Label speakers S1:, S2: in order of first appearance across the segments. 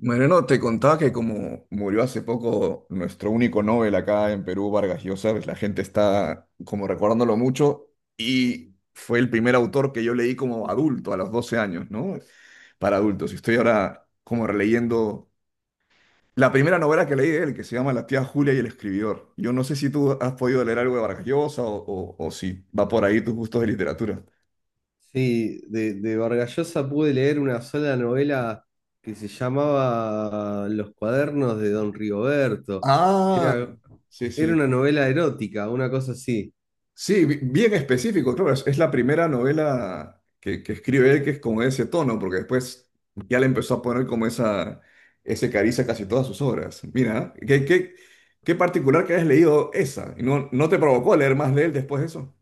S1: Mariano, te contaba que como murió hace poco nuestro único Nobel acá en Perú, Vargas Llosa, pues la gente está como recordándolo mucho y fue el primer autor que yo leí como adulto a los 12 años, ¿no? Para adultos. Y estoy ahora como releyendo la primera novela que leí de él, que se llama La tía Julia y el escribidor. Yo no sé si tú has podido leer algo de Vargas Llosa o si va por ahí tus gustos de literatura.
S2: Sí, de Vargas Llosa pude leer una sola novela que se llamaba Los Cuadernos de Don Rigoberto, que
S1: Ah,
S2: era,
S1: sí,
S2: era
S1: sí.
S2: una novela erótica, una cosa así.
S1: Sí, bien específico, claro, es la primera novela que escribe él que es con ese tono, porque después ya le empezó a poner como ese cariz a casi todas sus obras. Mira, qué particular que hayas leído esa, y no, no te provocó leer más de él después de eso.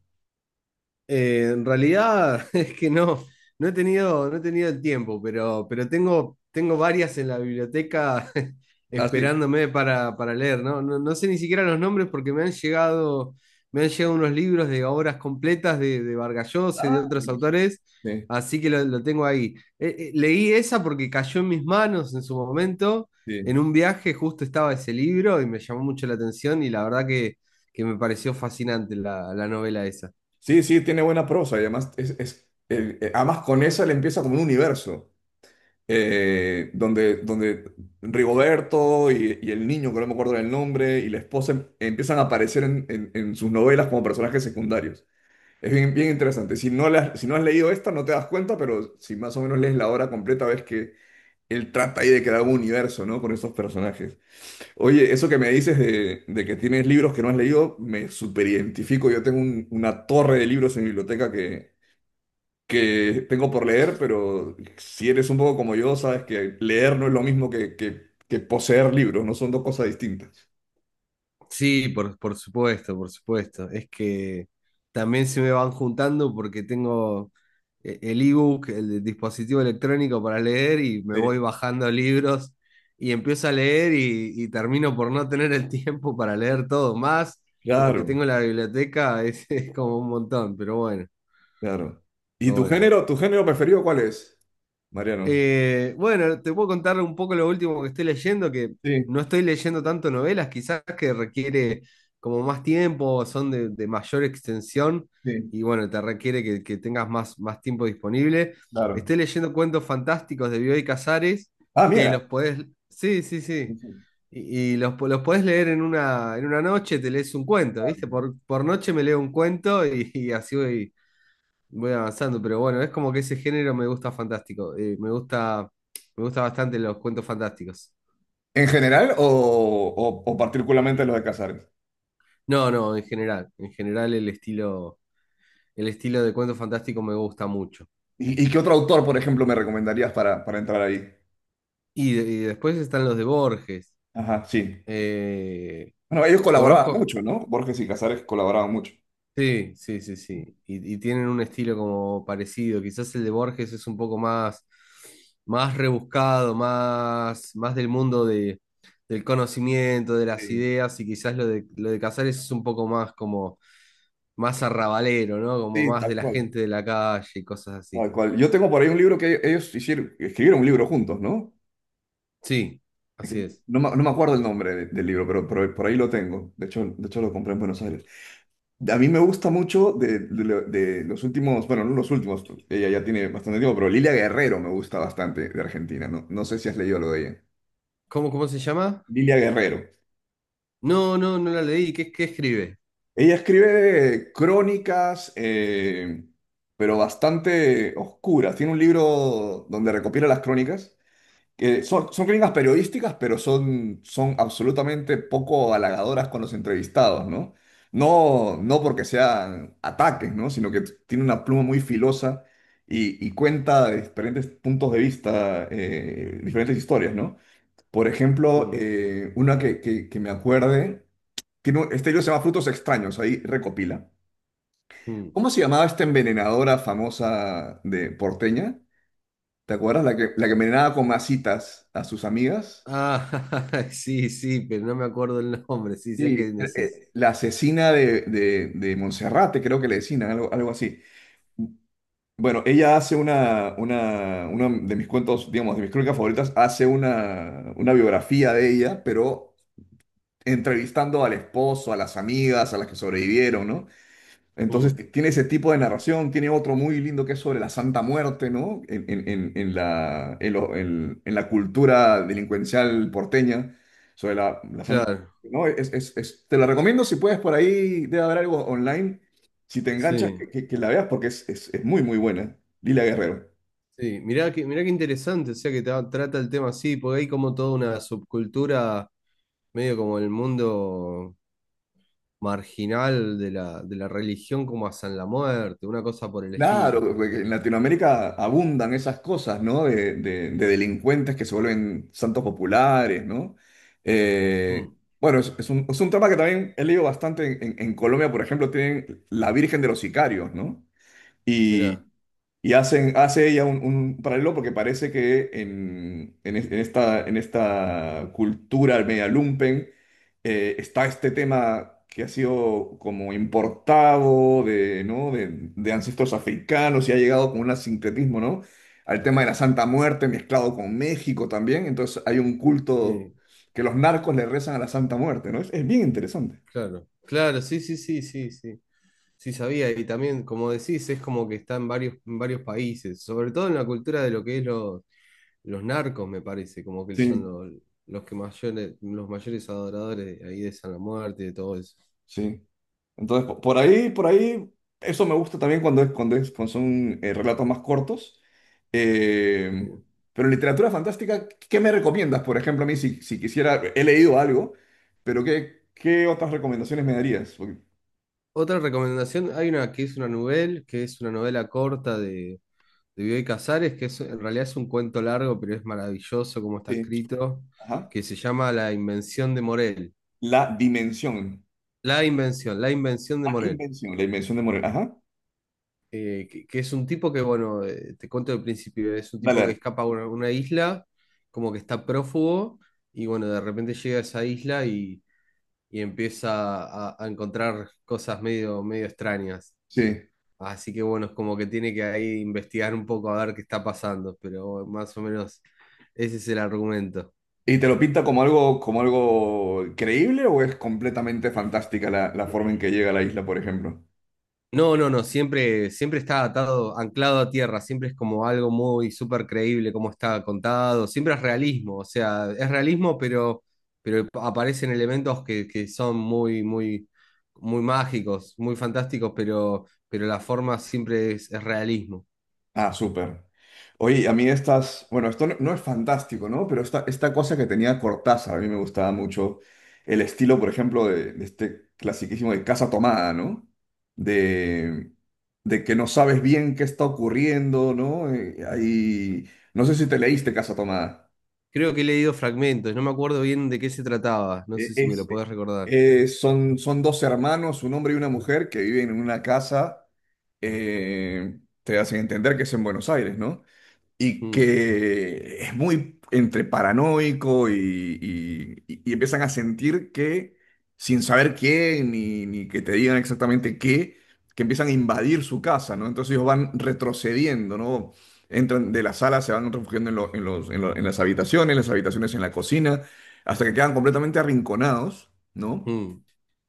S2: En realidad es que no, no he tenido, no he tenido el tiempo, pero tengo, tengo varias en la biblioteca
S1: Ah, sí.
S2: esperándome para leer, ¿no? No sé ni siquiera los nombres porque me han llegado unos libros de obras completas de Vargas Llosa y de
S1: Ah,
S2: otros
S1: buenísimo.
S2: autores,
S1: Sí,
S2: así que lo tengo ahí. Leí esa porque cayó en mis manos en su momento,
S1: sí.
S2: en un viaje justo estaba ese libro y me llamó mucho la atención y la verdad que me pareció fascinante la novela esa.
S1: Sí, sí, tiene buena prosa y además, además con esa le empieza como un universo. Donde Rigoberto y el niño, que no me acuerdo del nombre, y la esposa empiezan a aparecer en sus novelas como personajes secundarios. Es bien interesante. Si no, si no has leído esta, no te das cuenta, pero si más o menos lees la obra completa, ves que él trata ahí de crear un universo, ¿no? Con estos personajes. Oye, eso que me dices de que tienes libros que no has leído, me superidentifico. Yo tengo una torre de libros en mi biblioteca que tengo por leer, pero si eres un poco como yo, sabes que leer no es lo mismo que poseer libros, no son dos cosas distintas.
S2: Sí, por supuesto, por supuesto. Es que también se me van juntando porque tengo el ebook, el dispositivo electrónico para leer y me voy
S1: Sí.
S2: bajando libros y empiezo a leer y termino por no tener el tiempo para leer todo. Más lo que
S1: Claro,
S2: tengo en la biblioteca es, es como un montón, pero bueno,
S1: claro. ¿Y
S2: pero bueno.
S1: tu género preferido cuál es, Mariano?
S2: Bueno, te puedo contar un poco lo último que estoy leyendo, que
S1: Sí,
S2: no estoy leyendo tanto novelas, quizás que requiere como más tiempo, son de mayor extensión
S1: sí,
S2: y bueno, te requiere que tengas más, más tiempo disponible.
S1: claro.
S2: Estoy leyendo cuentos fantásticos de Bioy Casares,
S1: Ah,
S2: que
S1: mira.
S2: los podés, sí, sí, sí,
S1: No,
S2: los podés leer en una noche, te lees un cuento,
S1: claro.
S2: ¿viste? Por noche me leo un cuento y así voy, voy avanzando, pero bueno, es como que ese género me gusta fantástico. Me gusta bastante los cuentos fantásticos.
S1: ¿En general o particularmente los de Casares?
S2: No, no, en general. En general el estilo de cuento fantástico me gusta mucho.
S1: Y qué otro autor, por ejemplo, me recomendarías para entrar ahí?
S2: Y después están los de Borges.
S1: Ajá, sí.
S2: eh,
S1: Bueno, ellos colaboraban
S2: Conozco.
S1: mucho, ¿no? Borges y Casares colaboraban mucho.
S2: Sí, sí, sí, sí. Y tienen un estilo como parecido. Quizás el de Borges es un poco más, más rebuscado, más del mundo de, del conocimiento, de las
S1: Sí,
S2: ideas, y quizás lo lo de Casares es un poco más como más arrabalero, ¿no? Como
S1: sí,
S2: más de
S1: tal
S2: la
S1: cual.
S2: gente de la calle y cosas así.
S1: Tal cual. Yo tengo por ahí un libro que ellos hicieron, escribieron un libro juntos, ¿no?
S2: Sí,
S1: Es
S2: así
S1: que
S2: es.
S1: no, me no me acuerdo el nombre del libro, pero por ahí lo tengo. De hecho, lo compré en Buenos Aires. A mí me gusta mucho de los últimos, bueno, no los últimos, ella ya tiene bastante tiempo, pero Lilia Guerrero me gusta bastante de Argentina, ¿no? No sé si has leído lo de ella.
S2: ¿Cómo, cómo se llama?
S1: Lilia Guerrero.
S2: No, no, no la leí. ¿Qué, qué escribe?
S1: Ella escribe crónicas, pero bastante oscuras. Tiene un libro donde recopila las crónicas, que son críticas periodísticas, pero son absolutamente poco halagadoras con los entrevistados, ¿no? No, no porque sean ataques, ¿no? Sino que tiene una pluma muy filosa y cuenta de diferentes puntos de vista, diferentes historias, ¿no? Por ejemplo,
S2: Mm,
S1: que me acuerde, tiene este libro se llama Frutos Extraños, ahí recopila.
S2: mm.
S1: ¿Cómo se llamaba esta envenenadora famosa de porteña? ¿Te acuerdas? La que envenenaba con masitas a sus amigas.
S2: Ah, sí, sí, pero no me acuerdo el nombre. Sí, sé qué
S1: Sí,
S2: decís.
S1: la asesina de Monserrate, creo que le decían, algo así. Bueno, ella hace uno de mis cuentos, digamos, de mis crónicas favoritas, hace una biografía de ella, pero entrevistando al esposo, a las amigas, a las que sobrevivieron, ¿no? Entonces
S2: Mm.
S1: tiene ese tipo de narración, tiene otro muy lindo que es sobre la Santa Muerte, ¿no? En la, en, lo- en la cultura delincuencial porteña, sobre la Santa
S2: Claro,
S1: Muerte, ¿no? Te la recomiendo si puedes por ahí, debe haber algo online, si te enganchas,
S2: sí,
S1: que la veas porque es muy, muy buena. Lila Guerrero.
S2: sí. Mirá que, mirá qué interesante, o sea que trata el tema así, porque hay como toda una subcultura, medio como el mundo marginal de la religión, como hasta en la muerte, una cosa por el estilo.
S1: Claro, porque en Latinoamérica abundan esas cosas, ¿no? De delincuentes que se vuelven santos populares, ¿no? Eh,
S2: Mm,
S1: bueno, es un tema que también he leído bastante en Colombia, por ejemplo, tienen la Virgen de los Sicarios, ¿no?
S2: mirá,
S1: Y, y hacen, hace ella un paralelo porque parece que en esta cultura media lumpen está este tema que ha sido como importado de, ¿no? De ancestros africanos y ha llegado con un sincretismo, ¿no? al tema de la Santa Muerte mezclado con México también. Entonces hay un culto
S2: sí,
S1: que los narcos le rezan a la Santa Muerte, ¿no? Es bien interesante.
S2: claro. Claro, sí, sí, sí, sí, sí. Sí, sabía, y también, como decís, es como que está en varios países, sobre todo en la cultura de lo que es los narcos, me parece, como que son
S1: Sí,
S2: los que mayores, los mayores adoradores de ahí de San la Muerte y de todo eso.
S1: sí. Entonces, por ahí, eso me gusta también cuando son relatos más cortos.
S2: Sí.
S1: Eh, pero literatura fantástica, ¿qué me recomiendas? Por ejemplo, a mí, si quisiera, he leído algo, pero qué otras recomendaciones me darías? Porque-
S2: Otra recomendación, hay una que es una novela, que es una novela corta de Bioy Casares, que es, en realidad es un cuento largo, pero es maravilloso como está
S1: sí.
S2: escrito,
S1: Ajá.
S2: que se llama La Invención de Morel.
S1: La dimensión.
S2: La Invención, La Invención de Morel.
S1: La invención de Morel. Ajá.
S2: Que es un tipo que, bueno, te cuento del principio, es un
S1: Dale,
S2: tipo que
S1: dale.
S2: escapa a una isla, como que está prófugo, y bueno, de repente llega a esa isla y empieza a encontrar cosas medio, medio extrañas.
S1: Sí.
S2: Así que bueno, es como que tiene que ahí investigar un poco a ver qué está pasando, pero bueno, más o menos ese es el argumento.
S1: ¿Y te lo pinta como algo creíble o es completamente fantástica la, la forma en que llega a la isla, por ejemplo?
S2: No, no, no, siempre, siempre está atado, anclado a tierra, siempre es como algo muy súper creíble como está contado, siempre es realismo, o sea, es realismo, pero aparecen elementos que son muy, muy, muy mágicos, muy fantásticos, pero la forma siempre es realismo.
S1: Ah, súper. Oye, a mí estas, bueno, esto no, no es fantástico, ¿no? Pero esta cosa que tenía Cortázar, a mí me gustaba mucho el estilo, por ejemplo, de este clasiquísimo de Casa Tomada, ¿no? De, de que no sabes bien qué está ocurriendo, ¿no? Ahí, no sé si te leíste Casa Tomada.
S2: Creo que he leído fragmentos, no me acuerdo bien de qué se trataba, no
S1: Eh,
S2: sé si me lo
S1: es-
S2: podés recordar.
S1: Son dos hermanos, un hombre y una mujer, que viven en una casa, te hacen entender que es en Buenos Aires, ¿no? y
S2: Mm,
S1: que es muy entre paranoico y, empiezan a sentir que, sin saber quién ni, ni que te digan exactamente qué, que empiezan a invadir su casa, ¿no? Entonces ellos van retrocediendo, ¿no? Entran de la sala, se van refugiando en, lo- en los, en lo- en las habitaciones en la cocina, hasta que quedan completamente arrinconados, ¿no?
S2: mm,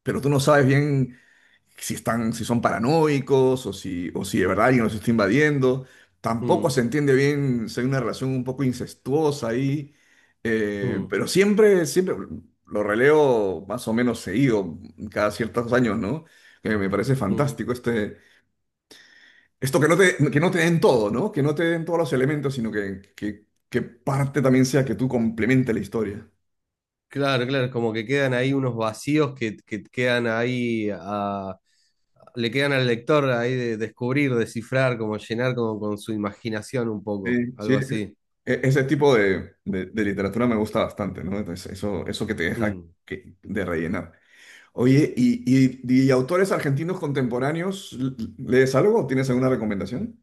S1: Pero tú no sabes bien si están, si son paranoicos o si de verdad alguien los está invadiendo. Tampoco
S2: mm,
S1: se entiende bien si hay una relación un poco incestuosa ahí,
S2: mm,
S1: pero siempre, siempre lo releo más o menos seguido, cada ciertos años, ¿no? Que me parece
S2: mm.
S1: fantástico este, esto que no te den todo, ¿no? Que no te den todos los elementos, sino que, que parte también sea que tú complemente la historia.
S2: Claro, claro, como que quedan ahí unos vacíos que quedan ahí a, le quedan al lector ahí de descubrir, descifrar, como llenar como con su imaginación un
S1: Sí,
S2: poco,
S1: sí,
S2: algo así.
S1: ese tipo de literatura me gusta bastante, ¿no? Entonces, eso que te deja
S2: Mm.
S1: de rellenar. Oye, ¿y autores argentinos contemporáneos, lees algo? ¿Tienes alguna recomendación?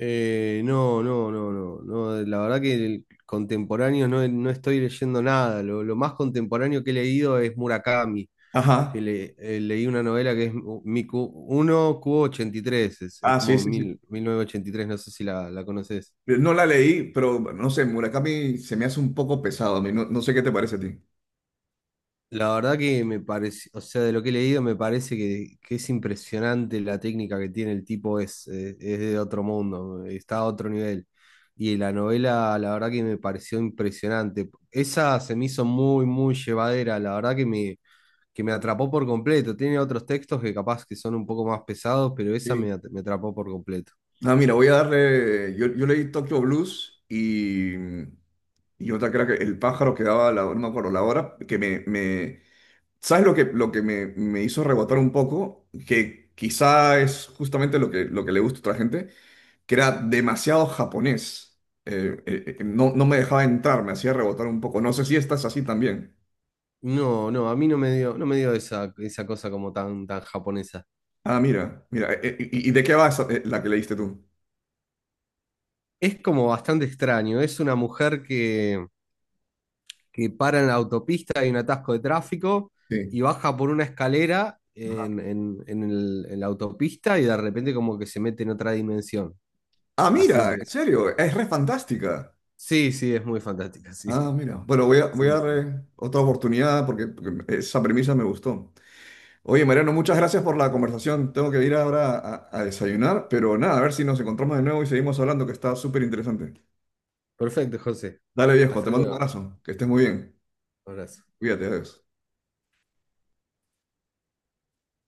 S2: No, no, no, no, no, la verdad que el contemporáneo no, no estoy leyendo nada, lo más contemporáneo que he leído es Murakami, que
S1: Ajá.
S2: le, leí una novela que es Miku 1 q ochenta y tres. Es
S1: Ah, sí,
S2: como
S1: sí, sí.
S2: mil, 1983. No sé si la conoces.
S1: No la leí, pero no sé, Murakami se me hace un poco pesado a mí. No, no sé qué te parece a ti.
S2: La verdad que me parece, o sea, de lo que he leído me parece que es impresionante la técnica que tiene el tipo, es de otro mundo, está a otro nivel. Y la novela, la verdad que me pareció impresionante. Esa se me hizo muy, muy llevadera, la verdad que me atrapó por completo. Tiene otros textos que capaz que son un poco más pesados, pero esa
S1: Sí.
S2: me, me atrapó por completo.
S1: Ah, mira, voy a darle. Yo leí Tokyo Blues y otra que era que El pájaro que daba la, no me acuerdo, la hora, ¿sabes lo que me hizo rebotar un poco? Que quizá es justamente lo que le gusta a otra gente, que era demasiado japonés. No, no me dejaba entrar, me hacía rebotar un poco. No sé si estás así también.
S2: No, no, a mí no me dio, no me dio esa, esa cosa como tan, tan japonesa.
S1: Ah, mira, mira. Y de qué va esa- la que leíste tú?
S2: Es como bastante extraño, es una mujer que para en la autopista, hay un atasco de tráfico
S1: Sí.
S2: y baja por una escalera en la autopista y de repente como que se mete en otra dimensión.
S1: Ah,
S2: Así
S1: mira, en
S2: empieza.
S1: serio, es re fantástica.
S2: Sí, sí, es muy fantástica, sí.
S1: Ah, mira. Bueno, voy a, voy a
S2: Sí,
S1: dar
S2: sí.
S1: otra oportunidad porque, porque esa premisa me gustó. Oye, Mariano, muchas gracias por la conversación. Tengo que ir ahora a desayunar, pero nada, a ver si nos encontramos de nuevo y seguimos hablando, que está súper interesante.
S2: Perfecto, José.
S1: Dale, viejo, te
S2: Hasta
S1: mando un
S2: luego.
S1: abrazo. Que estés muy bien.
S2: Abrazo.
S1: Cuídate, adiós.